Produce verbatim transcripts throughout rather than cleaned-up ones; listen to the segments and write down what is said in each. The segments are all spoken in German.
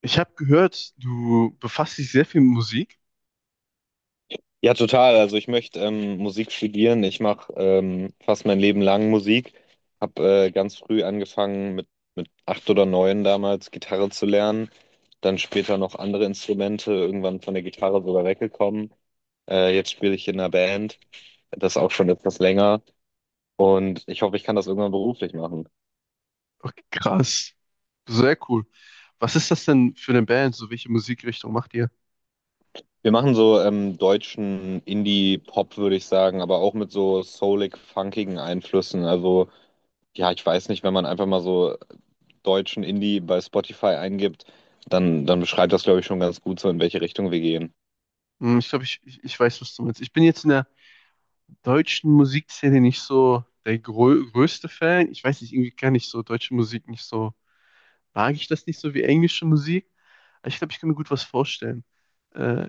Ich habe gehört, du befasst dich sehr viel mit Musik. Ja, total. Also ich möchte ähm, Musik studieren. Ich mache ähm, fast mein Leben lang Musik. Hab äh, ganz früh angefangen mit, mit acht oder neun damals Gitarre zu lernen. Dann später noch andere Instrumente, irgendwann von der Gitarre sogar weggekommen. Äh, jetzt spiele ich in einer Band. Das auch schon etwas länger. Und ich hoffe, ich kann das irgendwann beruflich machen. Okay, krass. Sehr cool. Was ist das denn für eine Band? So, welche Musikrichtung macht ihr? Wir machen so ähm, deutschen Indie-Pop, würde ich sagen, aber auch mit so soulig, funkigen Einflüssen. Also ja, ich weiß nicht, wenn man einfach mal so deutschen Indie bei Spotify eingibt, dann, dann beschreibt das, glaube ich, schon ganz gut so, in welche Richtung wir gehen. Hm, ich glaube, ich, ich, ich weiß, was du meinst. Ich bin jetzt in der deutschen Musikszene nicht so der grö größte Fan. Ich weiß nicht, irgendwie kann ich so deutsche Musik nicht so, mag ich das nicht so wie englische Musik. Aber ich glaube, ich kann mir gut was vorstellen. Äh,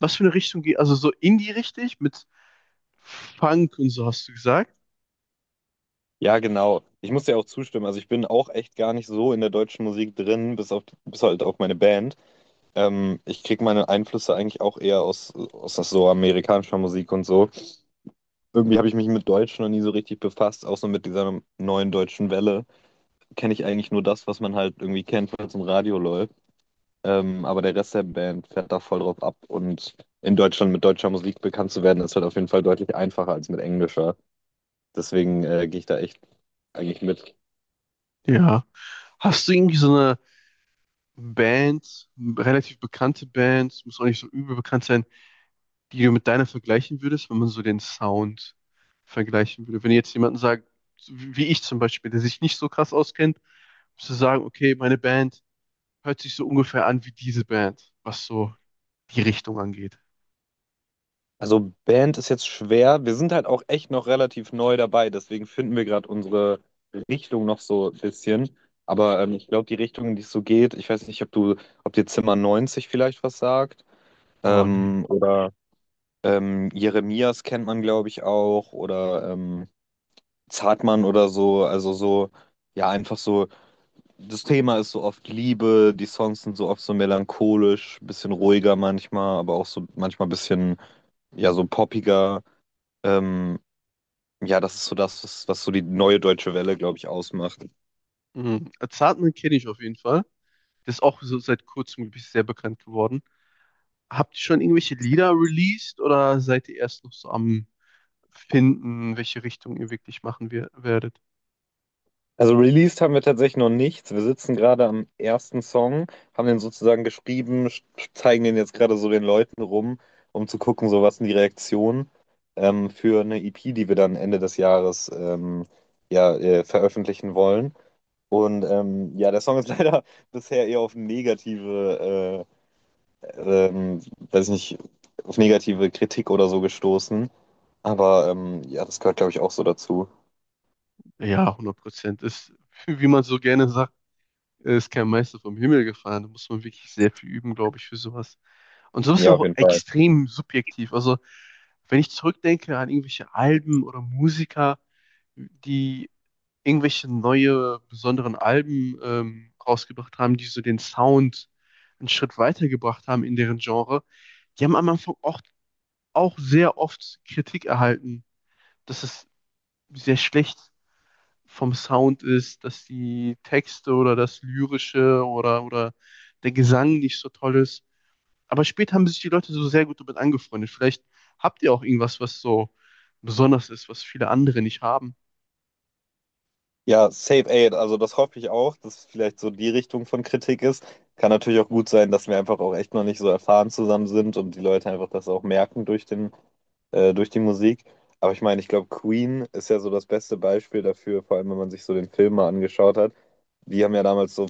was für eine Richtung geht, also so Indie richtig mit Funk und so hast du gesagt? Ja, genau. Ich muss dir auch zustimmen. Also ich bin auch echt gar nicht so in der deutschen Musik drin, bis auf bis halt auf meine Band. Ähm, ich kriege meine Einflüsse eigentlich auch eher aus, aus so amerikanischer Musik und so. Irgendwie habe ich mich mit Deutsch noch nie so richtig befasst, auch so mit dieser neuen deutschen Welle. Kenne ich eigentlich nur das, was man halt irgendwie kennt, was im Radio läuft. Ähm, aber der Rest der Band fährt da voll drauf ab. Und in Deutschland mit deutscher Musik bekannt zu werden, ist halt auf jeden Fall deutlich einfacher als mit englischer. Deswegen äh, gehe ich da echt eigentlich mit. Ja. Hast du irgendwie so eine Bands, relativ bekannte Bands, muss auch nicht so übel bekannt sein, die du mit deiner vergleichen würdest, wenn man so den Sound vergleichen würde? Wenn jetzt jemanden sagt, so wie wie ich zum Beispiel, der sich nicht so krass auskennt, musst du sagen, okay, meine Band hört sich so ungefähr an wie diese Band, was so die Richtung angeht. Also Band ist jetzt schwer. Wir sind halt auch echt noch relativ neu dabei. Deswegen finden wir gerade unsere Richtung noch so ein bisschen. Aber ähm, ich glaube, die Richtung, in die es so geht, ich weiß nicht, ob du, ob dir Zimmer neunzig vielleicht was sagt. Oh nee. Ähm, oder ähm, Jeremias kennt man, glaube ich, auch. Oder ähm, Zartmann oder so, also so, ja, einfach so, das Thema ist so oft Liebe, die Songs sind so oft so melancholisch, bisschen ruhiger manchmal, aber auch so manchmal bisschen, ja, so poppiger. Ähm, ja, das ist so das, was, was so die neue deutsche Welle, glaube ich, ausmacht. Mhm. Zartman kenne ich auf jeden Fall. Das ist auch so seit kurzem, glaube ich, sehr bekannt geworden. Habt ihr schon irgendwelche Lieder released oder seid ihr erst noch so am finden, welche Richtung ihr wirklich machen wir, werdet. Also released haben wir tatsächlich noch nichts. Wir sitzen gerade am ersten Song, haben den sozusagen geschrieben, sch- zeigen den jetzt gerade so den Leuten rum, um zu gucken, so was sind die Reaktionen ähm, für eine E P, die wir dann Ende des Jahres ähm, ja, äh, veröffentlichen wollen. Und ähm, ja, der Song ist leider bisher eher auf negative, äh, ähm, weiß nicht, auf negative Kritik oder so gestoßen. Aber ähm, ja, das gehört, glaube ich, auch so dazu. Ja, hundert Prozent. Ist, wie man so gerne sagt, ist kein Meister vom Himmel gefahren. Da muss man wirklich sehr viel üben, glaube ich, für sowas. Und sowas ist Ja, auf auch jeden Fall. extrem subjektiv. Also, wenn ich zurückdenke an irgendwelche Alben oder Musiker, die irgendwelche neue, besonderen Alben ähm, rausgebracht haben, die so den Sound einen Schritt weitergebracht haben in deren Genre, die haben am Anfang auch, auch sehr oft Kritik erhalten, dass es sehr schlecht vom Sound ist, dass die Texte oder das Lyrische oder, oder der Gesang nicht so toll ist. Aber später haben sich die Leute so sehr gut damit angefreundet. Vielleicht habt ihr auch irgendwas, was so besonders ist, was viele andere nicht haben. Ja, Safe Aid, also das hoffe ich auch, dass es vielleicht so die Richtung von Kritik ist. Kann natürlich auch gut sein, dass wir einfach auch echt noch nicht so erfahren zusammen sind und die Leute einfach das auch merken durch den äh, durch die Musik. Aber ich meine, ich glaube, Queen ist ja so das beste Beispiel dafür, vor allem wenn man sich so den Film mal angeschaut hat. Die haben ja damals so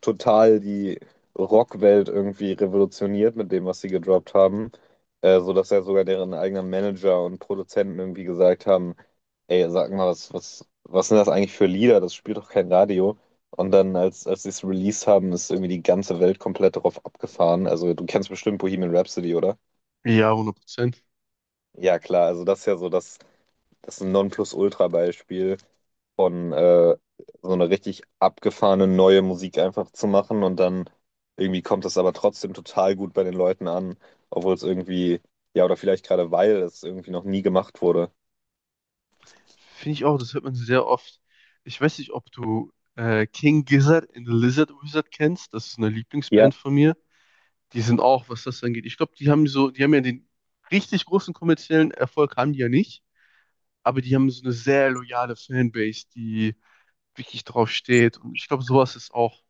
total die Rockwelt irgendwie revolutioniert mit dem, was sie gedroppt haben. Äh, so dass ja sogar deren eigenen Manager und Produzenten irgendwie gesagt haben, ey, sag mal, was, was, was sind das eigentlich für Lieder? Das spielt doch kein Radio. Und dann, als, als sie es released haben, ist irgendwie die ganze Welt komplett darauf abgefahren. Also, du kennst bestimmt Bohemian Rhapsody, oder? Ja, hundert Prozent. Ja, klar, also das ist ja so das das ist ein Nonplusultra-Beispiel von äh, so eine richtig abgefahrene neue Musik einfach zu machen und dann irgendwie kommt das aber trotzdem total gut bei den Leuten an, obwohl es irgendwie, ja, oder vielleicht gerade weil es irgendwie noch nie gemacht wurde. Finde ich auch, das hört man sehr oft. Ich weiß nicht, ob du äh, King Gizzard and the Lizard Wizard kennst. Das ist eine Ja, Lieblingsband von mir. Die sind auch, was das angeht. Ich glaube, die haben so, die haben ja den richtig großen kommerziellen Erfolg, haben die ja nicht. Aber die haben so eine sehr loyale Fanbase, die wirklich drauf steht. Und ich glaube, sowas ist auch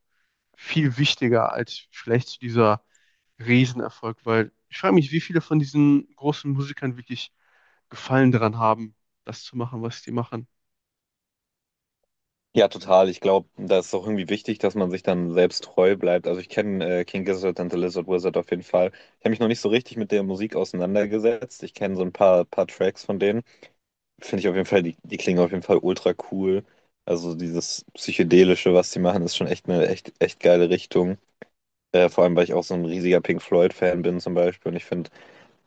viel wichtiger als vielleicht dieser Riesenerfolg, weil ich frage mich, wie viele von diesen großen Musikern wirklich Gefallen daran haben, das zu machen, was die machen. Ja, total. Ich glaube, da ist auch irgendwie wichtig, dass man sich dann selbst treu bleibt. Also ich kenne äh, King Gizzard and the Lizard Wizard auf jeden Fall. Ich habe mich noch nicht so richtig mit der Musik auseinandergesetzt. Ich kenne so ein paar, paar Tracks von denen. Finde ich auf jeden Fall, die, die klingen auf jeden Fall ultra cool. Also dieses Psychedelische, was die machen, ist schon echt eine echt, echt geile Richtung. Äh, vor allem, weil ich auch so ein riesiger Pink Floyd-Fan bin zum Beispiel. Und ich finde,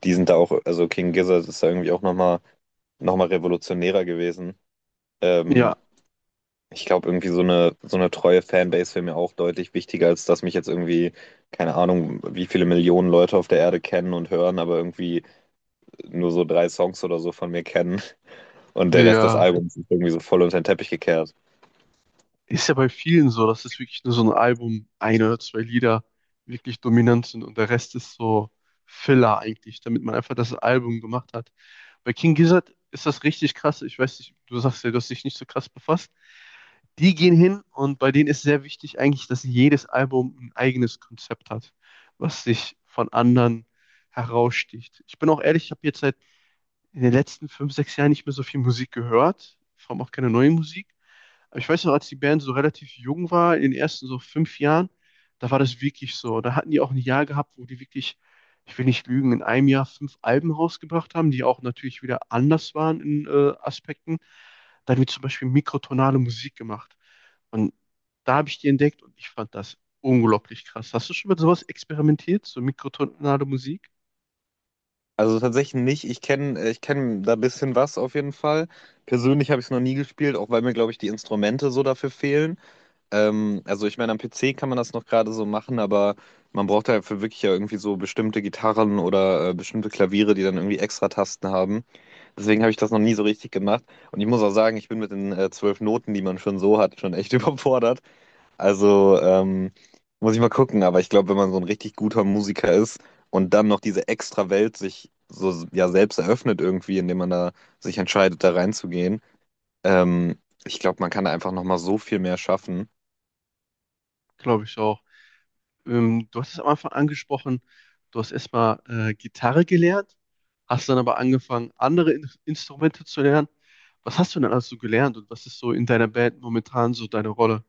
die sind da auch, also King Gizzard ist da irgendwie auch nochmal noch mal revolutionärer gewesen. Ähm, Ja, ich glaube, irgendwie so eine, so eine treue Fanbase wäre mir auch deutlich wichtiger, als dass mich jetzt irgendwie, keine Ahnung, wie viele Millionen Leute auf der Erde kennen und hören, aber irgendwie nur so drei Songs oder so von mir kennen und der Rest des ja. Albums ist irgendwie so voll unter den Teppich gekehrt. Ist ja bei vielen so, dass es wirklich nur so ein Album, ein oder zwei Lieder wirklich dominant sind und der Rest ist so Filler eigentlich, damit man einfach das Album gemacht hat. Bei King Gizzard ist das richtig krass. Ich weiß nicht, du sagst ja, du hast dich nicht so krass befasst. Die gehen hin und bei denen ist sehr wichtig eigentlich, dass jedes Album ein eigenes Konzept hat, was sich von anderen heraussticht. Ich bin auch ehrlich, ich habe jetzt seit in den letzten fünf, sechs Jahren nicht mehr so viel Musik gehört, vor allem auch keine neue Musik. Aber ich weiß noch, als die Band so relativ jung war, in den ersten so fünf Jahren, da war das wirklich so. Da hatten die auch ein Jahr gehabt, wo die wirklich, ich will nicht lügen, in einem Jahr fünf Alben rausgebracht haben, die auch natürlich wieder anders waren in äh, Aspekten. Da haben wir zum Beispiel mikrotonale Musik gemacht. Und da habe ich die entdeckt und ich fand das unglaublich krass. Hast du schon mal sowas experimentiert, so mikrotonale Musik? Also tatsächlich nicht. Ich kenne ich kenn da ein bisschen was auf jeden Fall. Persönlich habe ich es noch nie gespielt, auch weil mir, glaube ich, die Instrumente so dafür fehlen. Ähm, also ich meine, am P C kann man das noch gerade so machen, aber man braucht dafür wirklich ja irgendwie so bestimmte Gitarren oder äh, bestimmte Klaviere, die dann irgendwie extra Tasten haben. Deswegen habe ich das noch nie so richtig gemacht. Und ich muss auch sagen, ich bin mit den äh, zwölf Noten, die man schon so hat, schon echt überfordert. Also, ähm, Muss ich mal gucken, aber ich glaube, wenn man so ein richtig guter Musiker ist und dann noch diese extra Welt sich so ja selbst eröffnet irgendwie, indem man da sich entscheidet, da reinzugehen, ähm, ich glaube, man kann da einfach nochmal so viel mehr schaffen. Glaube ich auch. Ähm, du hast es am Anfang angesprochen, du hast erstmal äh, Gitarre gelernt, hast dann aber angefangen, andere In Instrumente zu lernen. Was hast du denn alles so gelernt und was ist so in deiner Band momentan so deine Rolle?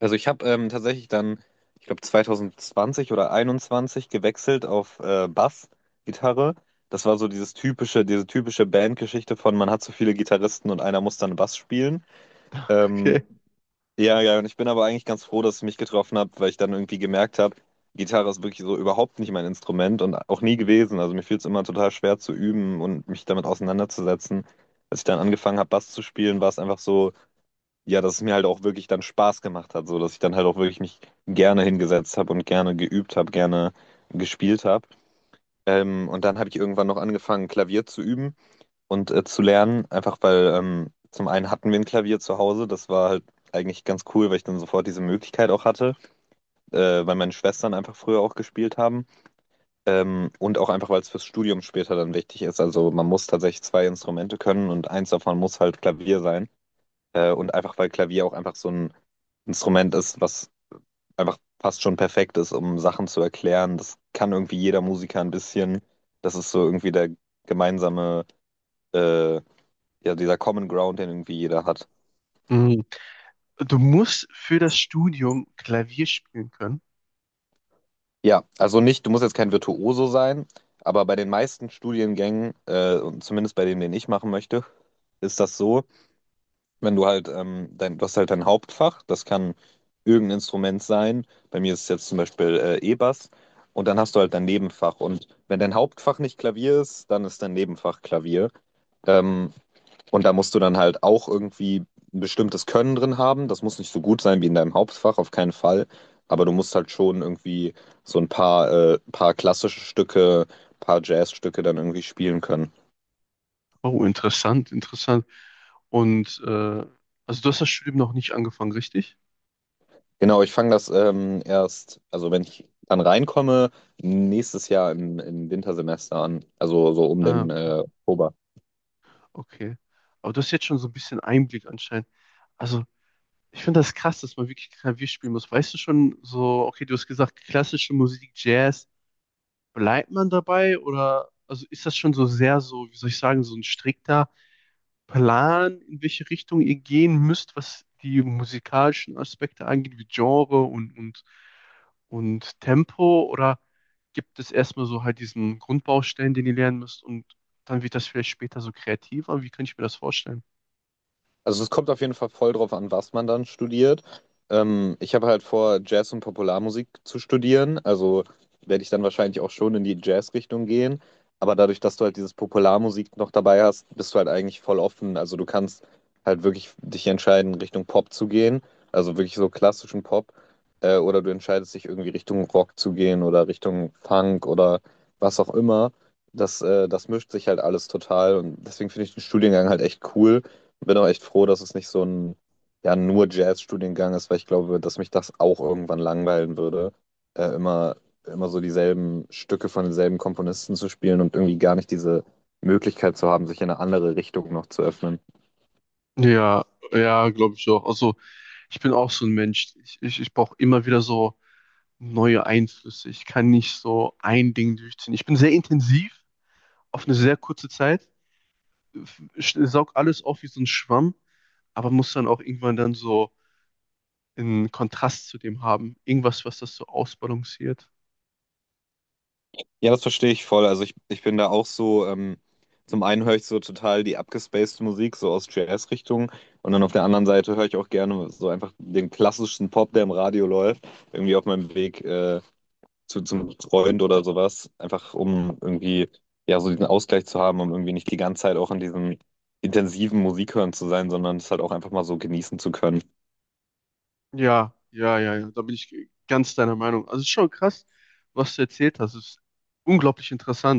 Also ich habe ähm, tatsächlich dann, ich glaube, zwanzig zwanzig oder einundzwanzig gewechselt auf äh, Bass-Gitarre. Das war so dieses typische, diese typische Bandgeschichte von man hat so viele Gitarristen und einer muss dann Bass spielen. Ähm, Okay. Ja, ja, und ich bin aber eigentlich ganz froh, dass es mich getroffen hat, weil ich dann irgendwie gemerkt habe, Gitarre ist wirklich so überhaupt nicht mein Instrument und auch nie gewesen. Also mir fiel es immer total schwer zu üben und mich damit auseinanderzusetzen. Als ich dann angefangen habe, Bass zu spielen, war es einfach so, ja, dass es mir halt auch wirklich dann Spaß gemacht hat, so dass ich dann halt auch wirklich mich gerne hingesetzt habe und gerne geübt habe, gerne gespielt habe. Ähm, und dann habe ich irgendwann noch angefangen, Klavier zu üben und äh, zu lernen, einfach weil ähm, zum einen hatten wir ein Klavier zu Hause, das war halt eigentlich ganz cool, weil ich dann sofort diese Möglichkeit auch hatte, äh, weil meine Schwestern einfach früher auch gespielt haben ähm, und auch einfach, weil es fürs Studium später dann wichtig ist. Also man muss tatsächlich zwei Instrumente können und eins davon muss halt Klavier sein äh, und einfach, weil Klavier auch einfach so ein Instrument ist, was einfach fast schon perfekt ist, um Sachen zu erklären. Das kann irgendwie jeder Musiker ein bisschen. Das ist so irgendwie der gemeinsame äh, ja, dieser Common Ground, den irgendwie jeder hat. Mhm. Du musst für das Studium Klavier spielen können. Ja, also nicht, du musst jetzt kein Virtuoso sein, aber bei den meisten Studiengängen, äh, und zumindest bei dem, den ich machen möchte, ist das so, wenn du halt, ähm, dein, du hast halt dein Hauptfach, das kann irgendein Instrument sein. Bei mir ist es jetzt zum Beispiel äh, E-Bass. Und dann hast du halt dein Nebenfach. Und wenn dein Hauptfach nicht Klavier ist, dann ist dein Nebenfach Klavier. Ähm, Und da musst du dann halt auch irgendwie ein bestimmtes Können drin haben. Das muss nicht so gut sein wie in deinem Hauptfach, auf keinen Fall. Aber du musst halt schon irgendwie so ein paar, äh, paar klassische Stücke, paar Jazzstücke dann irgendwie spielen können. Oh, interessant, interessant. Und äh, also du hast das Studium noch nicht angefangen, richtig? Genau, ich fange das ähm, erst, also wenn ich dann reinkomme, nächstes Jahr im, im Wintersemester an. Also so um Ah, den okay, äh, Oktober. okay. Aber du hast jetzt schon so ein bisschen Einblick anscheinend. Also ich finde das krass, dass man wirklich Klavier spielen muss. Weißt du schon so, okay, du hast gesagt, klassische Musik, Jazz, bleibt man dabei, oder also ist das schon so sehr so, wie soll ich sagen, so ein strikter Plan, in welche Richtung ihr gehen müsst, was die musikalischen Aspekte angeht, wie Genre und, und, und Tempo, oder gibt es erstmal so halt diesen Grundbaustein, den ihr lernen müsst und dann wird das vielleicht später so kreativer? Wie kann ich mir das vorstellen? Also es kommt auf jeden Fall voll drauf an, was man dann studiert. Ähm, ich habe halt vor, Jazz und Popularmusik zu studieren. Also werde ich dann wahrscheinlich auch schon in die Jazz-Richtung gehen. Aber dadurch, dass du halt dieses Popularmusik noch dabei hast, bist du halt eigentlich voll offen. Also du kannst halt wirklich dich entscheiden, Richtung Pop zu gehen. Also wirklich so klassischen Pop. Äh, oder du entscheidest dich irgendwie Richtung Rock zu gehen oder Richtung Funk oder was auch immer. Das, äh, das mischt sich halt alles total. Und deswegen finde ich den Studiengang halt echt cool, bin auch echt froh, dass es nicht so ein ja, nur Jazz-Studiengang ist, weil ich glaube, dass mich das auch irgendwann langweilen würde, äh, immer, immer so dieselben Stücke von denselben Komponisten zu spielen und irgendwie gar nicht diese Möglichkeit zu haben, sich in eine andere Richtung noch zu öffnen. Ja, ja, glaube ich auch. Also, ich bin auch so ein Mensch. Ich, ich, ich brauche immer wieder so neue Einflüsse. Ich kann nicht so ein Ding durchziehen. Ich bin sehr intensiv auf eine sehr kurze Zeit, ich saug alles auf wie so ein Schwamm, aber muss dann auch irgendwann dann so einen Kontrast zu dem haben. Irgendwas, was das so ausbalanciert. Ja, das verstehe ich voll. Also ich, ich bin da auch so, ähm, zum einen höre ich so total die abgespacede Musik, so aus Jazz-Richtung, und dann auf der anderen Seite höre ich auch gerne so einfach den klassischen Pop, der im Radio läuft, irgendwie auf meinem Weg. Äh, zu, zum Freund oder sowas, einfach um irgendwie ja so diesen Ausgleich zu haben, um irgendwie nicht die ganze Zeit auch in diesem intensiven Musikhören zu sein, sondern es halt auch einfach mal so genießen zu können. Ja, ja, ja, ja. Da bin ich ganz deiner Meinung. Also, es ist schon krass, was du erzählt hast. Es ist unglaublich interessant.